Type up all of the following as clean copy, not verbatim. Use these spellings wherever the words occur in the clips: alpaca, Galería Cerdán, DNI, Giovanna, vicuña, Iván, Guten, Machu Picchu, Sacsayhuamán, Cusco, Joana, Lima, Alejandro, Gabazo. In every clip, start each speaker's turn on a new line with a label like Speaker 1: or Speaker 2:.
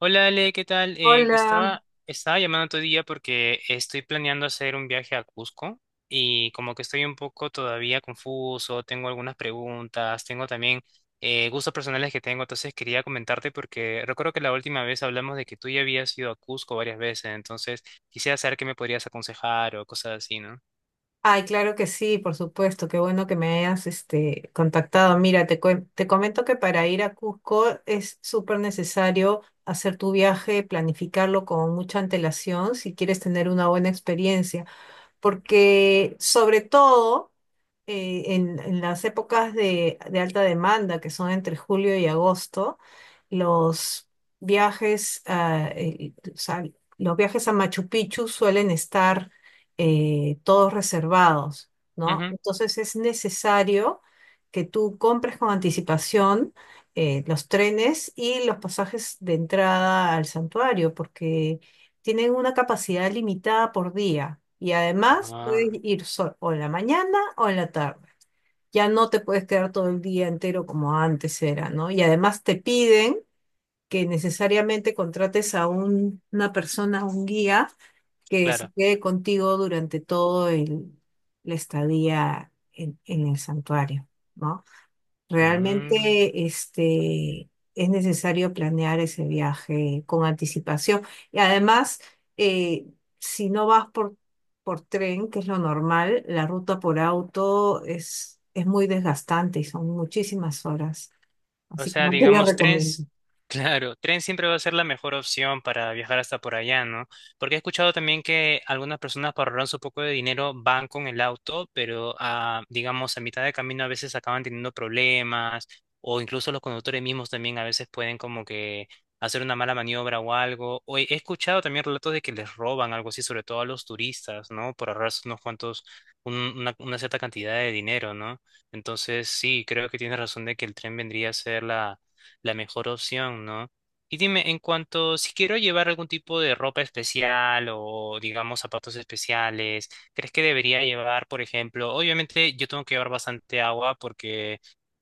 Speaker 1: Hola Ale, ¿qué tal? Eh,
Speaker 2: Hola.
Speaker 1: estaba, estaba llamando otro día porque estoy planeando hacer un viaje a Cusco y como que estoy un poco todavía confuso, tengo algunas preguntas, tengo también gustos personales que tengo. Entonces quería comentarte porque recuerdo que la última vez hablamos de que tú ya habías ido a Cusco varias veces, entonces quisiera saber qué me podrías aconsejar o cosas así, ¿no?
Speaker 2: Ay, claro que sí, por supuesto. Qué bueno que me hayas contactado. Mira, te comento que para ir a Cusco es súper necesario hacer tu viaje, planificarlo con mucha antelación si quieres tener una buena experiencia, porque sobre todo en las épocas de alta demanda, que son entre julio y agosto, los viajes, a, eh, o sea, los viajes a Machu Picchu suelen estar todos reservados, ¿no?
Speaker 1: Ujú.
Speaker 2: Entonces es necesario que tú compres con anticipación, los trenes y los pasajes de entrada al santuario, porque tienen una capacidad limitada por día. Y además puedes
Speaker 1: Ah,
Speaker 2: ir o en la mañana o en la tarde. Ya no te puedes quedar todo el día entero como antes era, ¿no? Y además te piden que necesariamente contrates a una persona, un guía, que se
Speaker 1: claro.
Speaker 2: quede contigo durante la estadía en el santuario, ¿no? Realmente es necesario planear ese viaje con anticipación. Y además, eh, si no vas por tren, que es lo normal, la ruta por auto es muy desgastante y son muchísimas horas.
Speaker 1: O
Speaker 2: Así que
Speaker 1: sea,
Speaker 2: no te la
Speaker 1: digamos, tren,
Speaker 2: recomiendo.
Speaker 1: claro, tren siempre va a ser la mejor opción para viajar hasta por allá, ¿no? Porque he escuchado también que algunas personas para ahorrar su poco de dinero van con el auto, pero ah, digamos, a mitad de camino a veces acaban teniendo problemas, o incluso los conductores mismos también a veces pueden como que hacer una mala maniobra o algo. O he escuchado también relatos de que les roban algo así, sobre todo a los turistas, ¿no? Por ahorrarse unos cuantos, una cierta cantidad de dinero, ¿no? Entonces, sí, creo que tienes razón de que el tren vendría a ser la, la mejor opción, ¿no? Y dime, en cuanto si quiero llevar algún tipo de ropa especial o, digamos, zapatos especiales, ¿crees que debería llevar, por ejemplo? Obviamente yo tengo que llevar bastante agua porque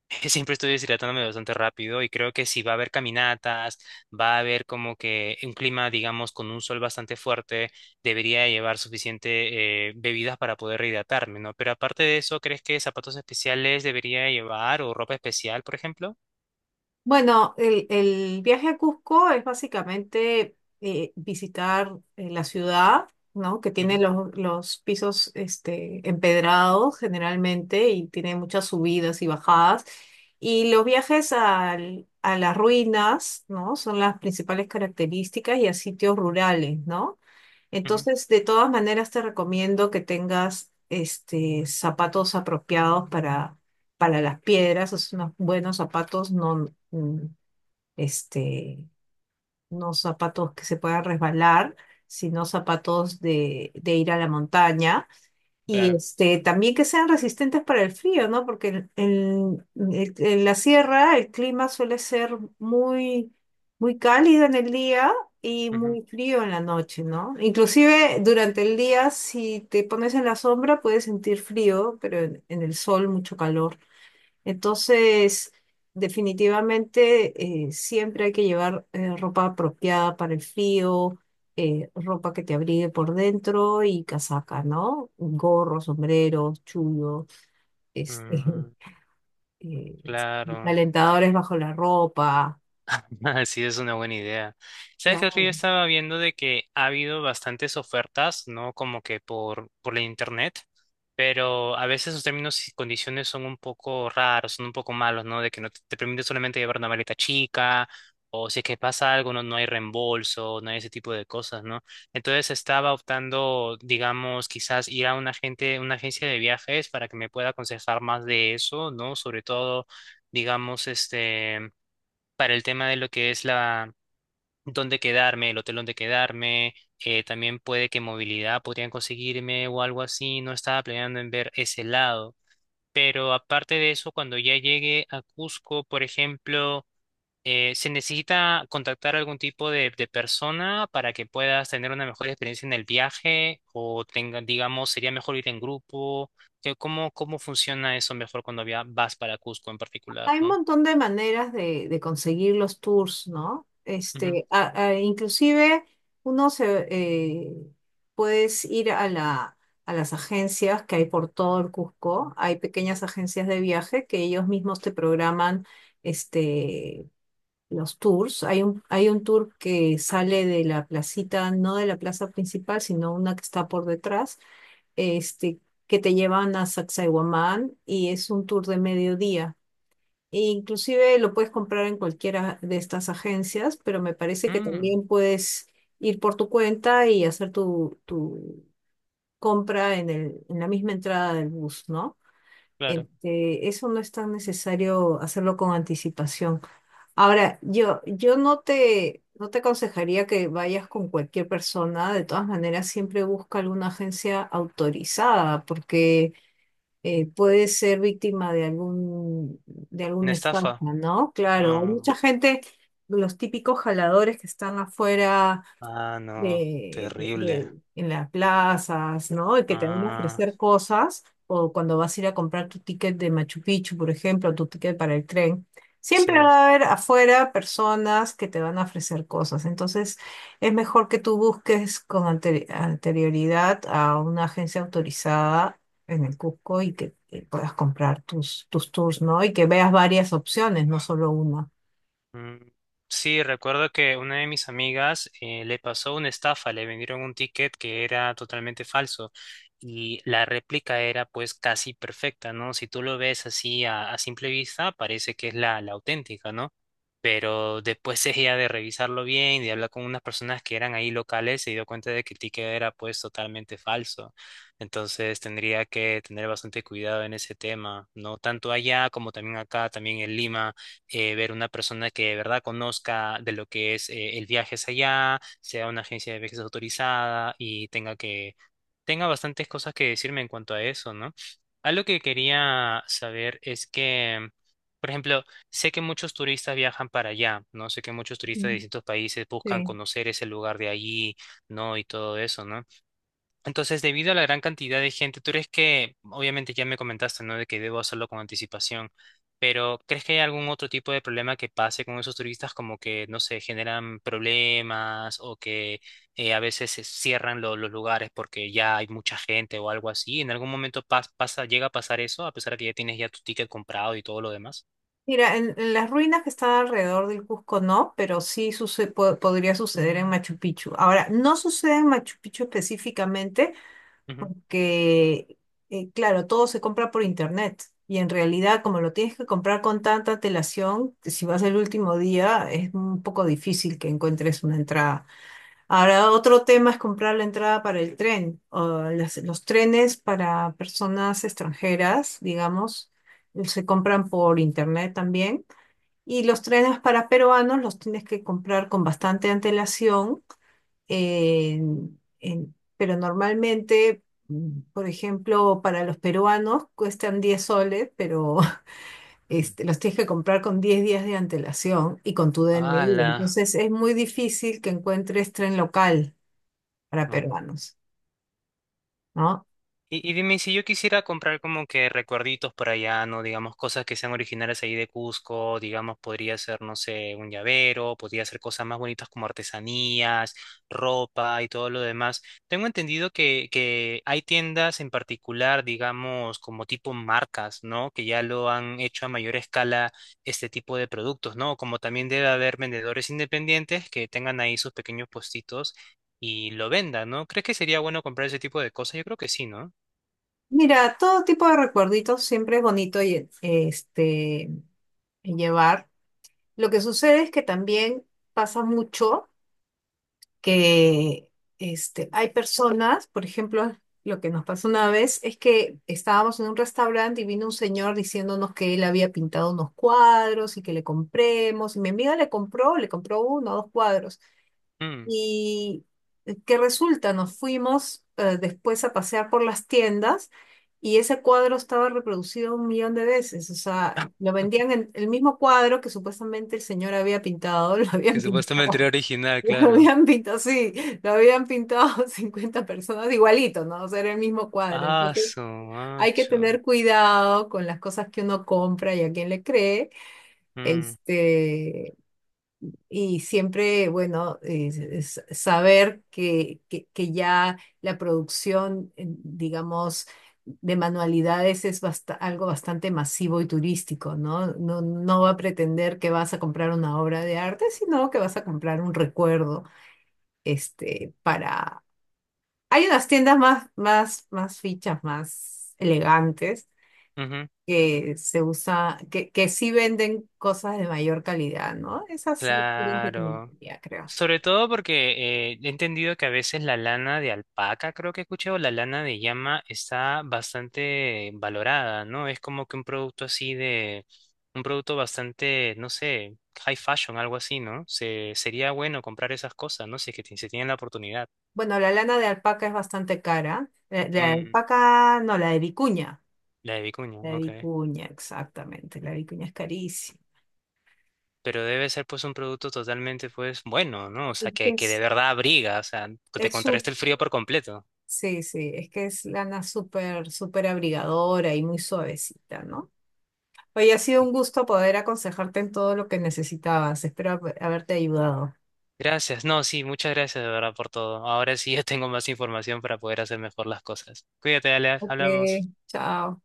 Speaker 1: siempre estoy deshidratándome bastante rápido, y creo que si va a haber caminatas, va a haber como que un clima, digamos, con un sol bastante fuerte, debería llevar suficiente bebidas para poder rehidratarme, ¿no? Pero aparte de eso, ¿crees que zapatos especiales debería llevar o ropa especial, por ejemplo?
Speaker 2: Bueno, el viaje a Cusco es básicamente visitar la ciudad, ¿no? Que tiene
Speaker 1: Ujú,
Speaker 2: los pisos empedrados generalmente y tiene muchas subidas y bajadas. Y los viajes a las ruinas, ¿no? Son las principales características y a sitios rurales, ¿no?
Speaker 1: ujú,
Speaker 2: Entonces, de todas maneras, te recomiendo que tengas zapatos apropiados para las piedras, o sea, unos buenos zapatos, no, este, no zapatos que se puedan resbalar, sino zapatos de ir a la montaña y
Speaker 1: claro.
Speaker 2: también que sean resistentes para el frío, ¿no? Porque en la sierra el clima suele ser muy cálido en el día y
Speaker 1: Ujú,
Speaker 2: muy frío en la noche, ¿no? Inclusive durante el día, si te pones en la sombra, puedes sentir frío, pero en el sol mucho calor. Entonces, definitivamente siempre hay que llevar ropa apropiada para el frío, ropa que te abrigue por dentro y casaca, ¿no? Gorros, sombreros, chullos, este,
Speaker 1: mm,
Speaker 2: eh,
Speaker 1: claro.
Speaker 2: calentadores bajo la ropa.
Speaker 1: Sí, es una buena idea. ¿Sabes qué, Río?
Speaker 2: Claro.
Speaker 1: Estaba viendo de que ha habido bastantes ofertas, ¿no? Como que por la internet, pero a veces los términos y condiciones son un poco raros, son un poco malos, ¿no? De que no te, te permite solamente llevar una maleta chica, o si es que pasa algo, no, no hay reembolso, no hay ese tipo de cosas, ¿no? Entonces estaba optando, digamos, quizás ir a una agente, una agencia de viajes para que me pueda aconsejar más de eso, ¿no? Sobre todo, digamos, este, para el tema de lo que es la dónde quedarme, el hotel donde quedarme. También puede que movilidad podrían conseguirme o algo así, no estaba planeando en ver ese lado. Pero aparte de eso, cuando ya llegue a Cusco, por ejemplo, ¿se necesita contactar algún tipo de persona para que puedas tener una mejor experiencia en el viaje? O tenga, digamos, sería mejor ir en grupo. ¿Cómo, cómo funciona eso mejor cuando vas para Cusco en particular,
Speaker 2: Hay un
Speaker 1: ¿no?
Speaker 2: montón de maneras de conseguir los tours, ¿no?
Speaker 1: Ujú.
Speaker 2: Inclusive uno se puedes ir a a las agencias que hay por todo el Cusco. Hay pequeñas agencias de viaje que ellos mismos te programan este, los tours. Hay un tour que sale de la placita, no de la plaza principal, sino una que está por detrás, este, que te llevan a Sacsayhuamán y es un tour de mediodía e inclusive lo puedes comprar en cualquiera de estas agencias, pero me parece que
Speaker 1: Mm,
Speaker 2: también puedes ir por tu cuenta y hacer tu compra en en la misma entrada del bus, ¿no?
Speaker 1: claro.
Speaker 2: Eso no es tan necesario hacerlo con anticipación. Ahora, yo no te aconsejaría que vayas con cualquier persona. De todas maneras, siempre busca alguna agencia autorizada, porque puede ser víctima de algún, de
Speaker 1: Una
Speaker 2: alguna estafa,
Speaker 1: estafa.
Speaker 2: ¿no? Claro, hay
Speaker 1: Ah,
Speaker 2: mucha gente, los típicos jaladores que están afuera
Speaker 1: ah, no, terrible.
Speaker 2: en las plazas, ¿no? Y que te van a
Speaker 1: Ah,
Speaker 2: ofrecer cosas, o cuando vas a ir a comprar tu ticket de Machu Picchu, por ejemplo, tu ticket para el tren, siempre
Speaker 1: sí.
Speaker 2: va a haber afuera personas que te van a ofrecer cosas. Entonces, es mejor que tú busques con anterioridad a una agencia autorizada en el Cusco y que puedas comprar tus tours, ¿no? Y que veas varias opciones, no solo una.
Speaker 1: Mm, sí, recuerdo que una de mis amigas le pasó una estafa, le vendieron un ticket que era totalmente falso, y la réplica era pues casi perfecta, ¿no? Si tú lo ves así a simple vista, parece que es la, la auténtica, ¿no? Pero después ella de revisarlo bien y de hablar con unas personas que eran ahí locales, se dio cuenta de que el ticket era pues totalmente falso. Entonces tendría que tener bastante cuidado en ese tema, ¿no? Tanto allá como también acá, también en Lima, ver una persona que de verdad conozca de lo que es el viaje hacia allá, sea una agencia de viajes autorizada y tenga que, tenga bastantes cosas que decirme en cuanto a eso, ¿no? Algo que quería saber es que, por ejemplo, sé que muchos turistas viajan para allá, ¿no? Sé que muchos turistas de
Speaker 2: Ujú.
Speaker 1: distintos países buscan
Speaker 2: Sí.
Speaker 1: conocer ese lugar de allí, ¿no? Y todo eso, ¿no? Entonces, debido a la gran cantidad de gente, ¿tú crees que, obviamente ya me comentaste, ¿no? De que debo hacerlo con anticipación, pero ¿crees que hay algún otro tipo de problema que pase con esos turistas, como que, no sé, generan problemas o que a veces se cierran los lugares porque ya hay mucha gente o algo así? ¿En algún momento pasa, llega a pasar eso, a pesar de que ya tienes ya tu ticket comprado y todo lo demás?
Speaker 2: Mira, en las ruinas que están alrededor del Cusco no, pero sí podría suceder en Machu Picchu. Ahora, no sucede en Machu Picchu específicamente
Speaker 1: Ujú.
Speaker 2: porque, claro, todo se compra por internet y en realidad como lo tienes que comprar con tanta antelación, si vas el último día es un poco difícil que encuentres una entrada. Ahora, otro tema es comprar la entrada para el tren o los trenes para personas extranjeras, digamos, se compran por internet también. Y los trenes para peruanos los tienes que comprar con bastante antelación, pero normalmente, por ejemplo, para los peruanos cuestan 10 soles, pero los tienes que comprar con 10 días de antelación y con tu DNI.
Speaker 1: ¡Hala!
Speaker 2: Entonces es muy difícil que encuentres tren local para
Speaker 1: No.
Speaker 2: peruanos, ¿no?
Speaker 1: Y dime, si yo quisiera comprar como que recuerditos para allá, ¿no? Digamos, cosas que sean originales ahí de Cusco, digamos, podría ser, no sé, un llavero, podría ser cosas más bonitas como artesanías, ropa y todo lo demás. Tengo entendido que hay tiendas en particular, digamos, como tipo marcas, ¿no? Que ya lo han hecho a mayor escala este tipo de productos, ¿no? Como también debe haber vendedores independientes que tengan ahí sus pequeños puestitos. Y lo vendan, ¿no? ¿Crees que sería bueno comprar ese tipo de cosas? Yo creo que sí, ¿no?
Speaker 2: Mira, todo tipo de recuerditos siempre es bonito y, llevar. Lo que sucede es que también pasa mucho que hay personas, por ejemplo, lo que nos pasó una vez es que estábamos en un restaurante y vino un señor diciéndonos que él había pintado unos cuadros y que le compremos. Y mi amiga le compró uno o dos cuadros.
Speaker 1: Mm.
Speaker 2: Y que resulta, nos fuimos después a pasear por las tiendas. Y ese cuadro estaba reproducido un millón de veces, o sea, lo vendían en el mismo cuadro que supuestamente el señor había pintado, lo
Speaker 1: Que
Speaker 2: habían
Speaker 1: supuestamente era
Speaker 2: pintado
Speaker 1: original,
Speaker 2: lo
Speaker 1: claro.
Speaker 2: habían pintado, sí, lo habían pintado 50 personas igualito, ¿no? O sea, era el mismo cuadro.
Speaker 1: Ah,
Speaker 2: Entonces,
Speaker 1: su
Speaker 2: hay que
Speaker 1: macho.
Speaker 2: tener cuidado con las cosas que uno compra y a quién le cree.
Speaker 1: Mm,
Speaker 2: Este, y siempre, bueno, es saber que ya la producción, digamos, de manualidades es algo bastante masivo y turístico, ¿no? No va a pretender que vas a comprar una obra de arte, sino que vas a comprar un recuerdo para... Hay unas tiendas más fichas, más elegantes,
Speaker 1: ujú,
Speaker 2: que se usa, que sí venden cosas de mayor calidad, ¿no? Esas sí las
Speaker 1: claro.
Speaker 2: recomendaría, creo.
Speaker 1: Sobre todo porque he entendido que a veces la lana de alpaca, creo que he escuchado, la lana de llama está bastante valorada, ¿no? Es como que un producto así de, un producto bastante, no sé, high fashion, algo así, ¿no? Se, sería bueno comprar esas cosas, ¿no? Si es que se tiene la oportunidad.
Speaker 2: Bueno, la lana de alpaca es bastante cara. La de
Speaker 1: Mm,
Speaker 2: alpaca, no, la de vicuña.
Speaker 1: la de vicuña,
Speaker 2: La de
Speaker 1: ok.
Speaker 2: vicuña, exactamente. La de vicuña es carísima.
Speaker 1: Pero debe ser pues un producto totalmente pues bueno, ¿no? O sea,
Speaker 2: Es que
Speaker 1: que de verdad abriga, o sea, te
Speaker 2: es su-
Speaker 1: contrarresta el frío por completo.
Speaker 2: Sí, sí, es que es lana súper abrigadora y muy suavecita, ¿no? Oye, ha sido un gusto poder aconsejarte en todo lo que necesitabas. Espero haberte ayudado.
Speaker 1: Gracias, no, sí, muchas gracias de verdad por todo. Ahora sí ya tengo más información para poder hacer mejor las cosas. Cuídate, Alea,
Speaker 2: Ok,
Speaker 1: hablamos.
Speaker 2: chao.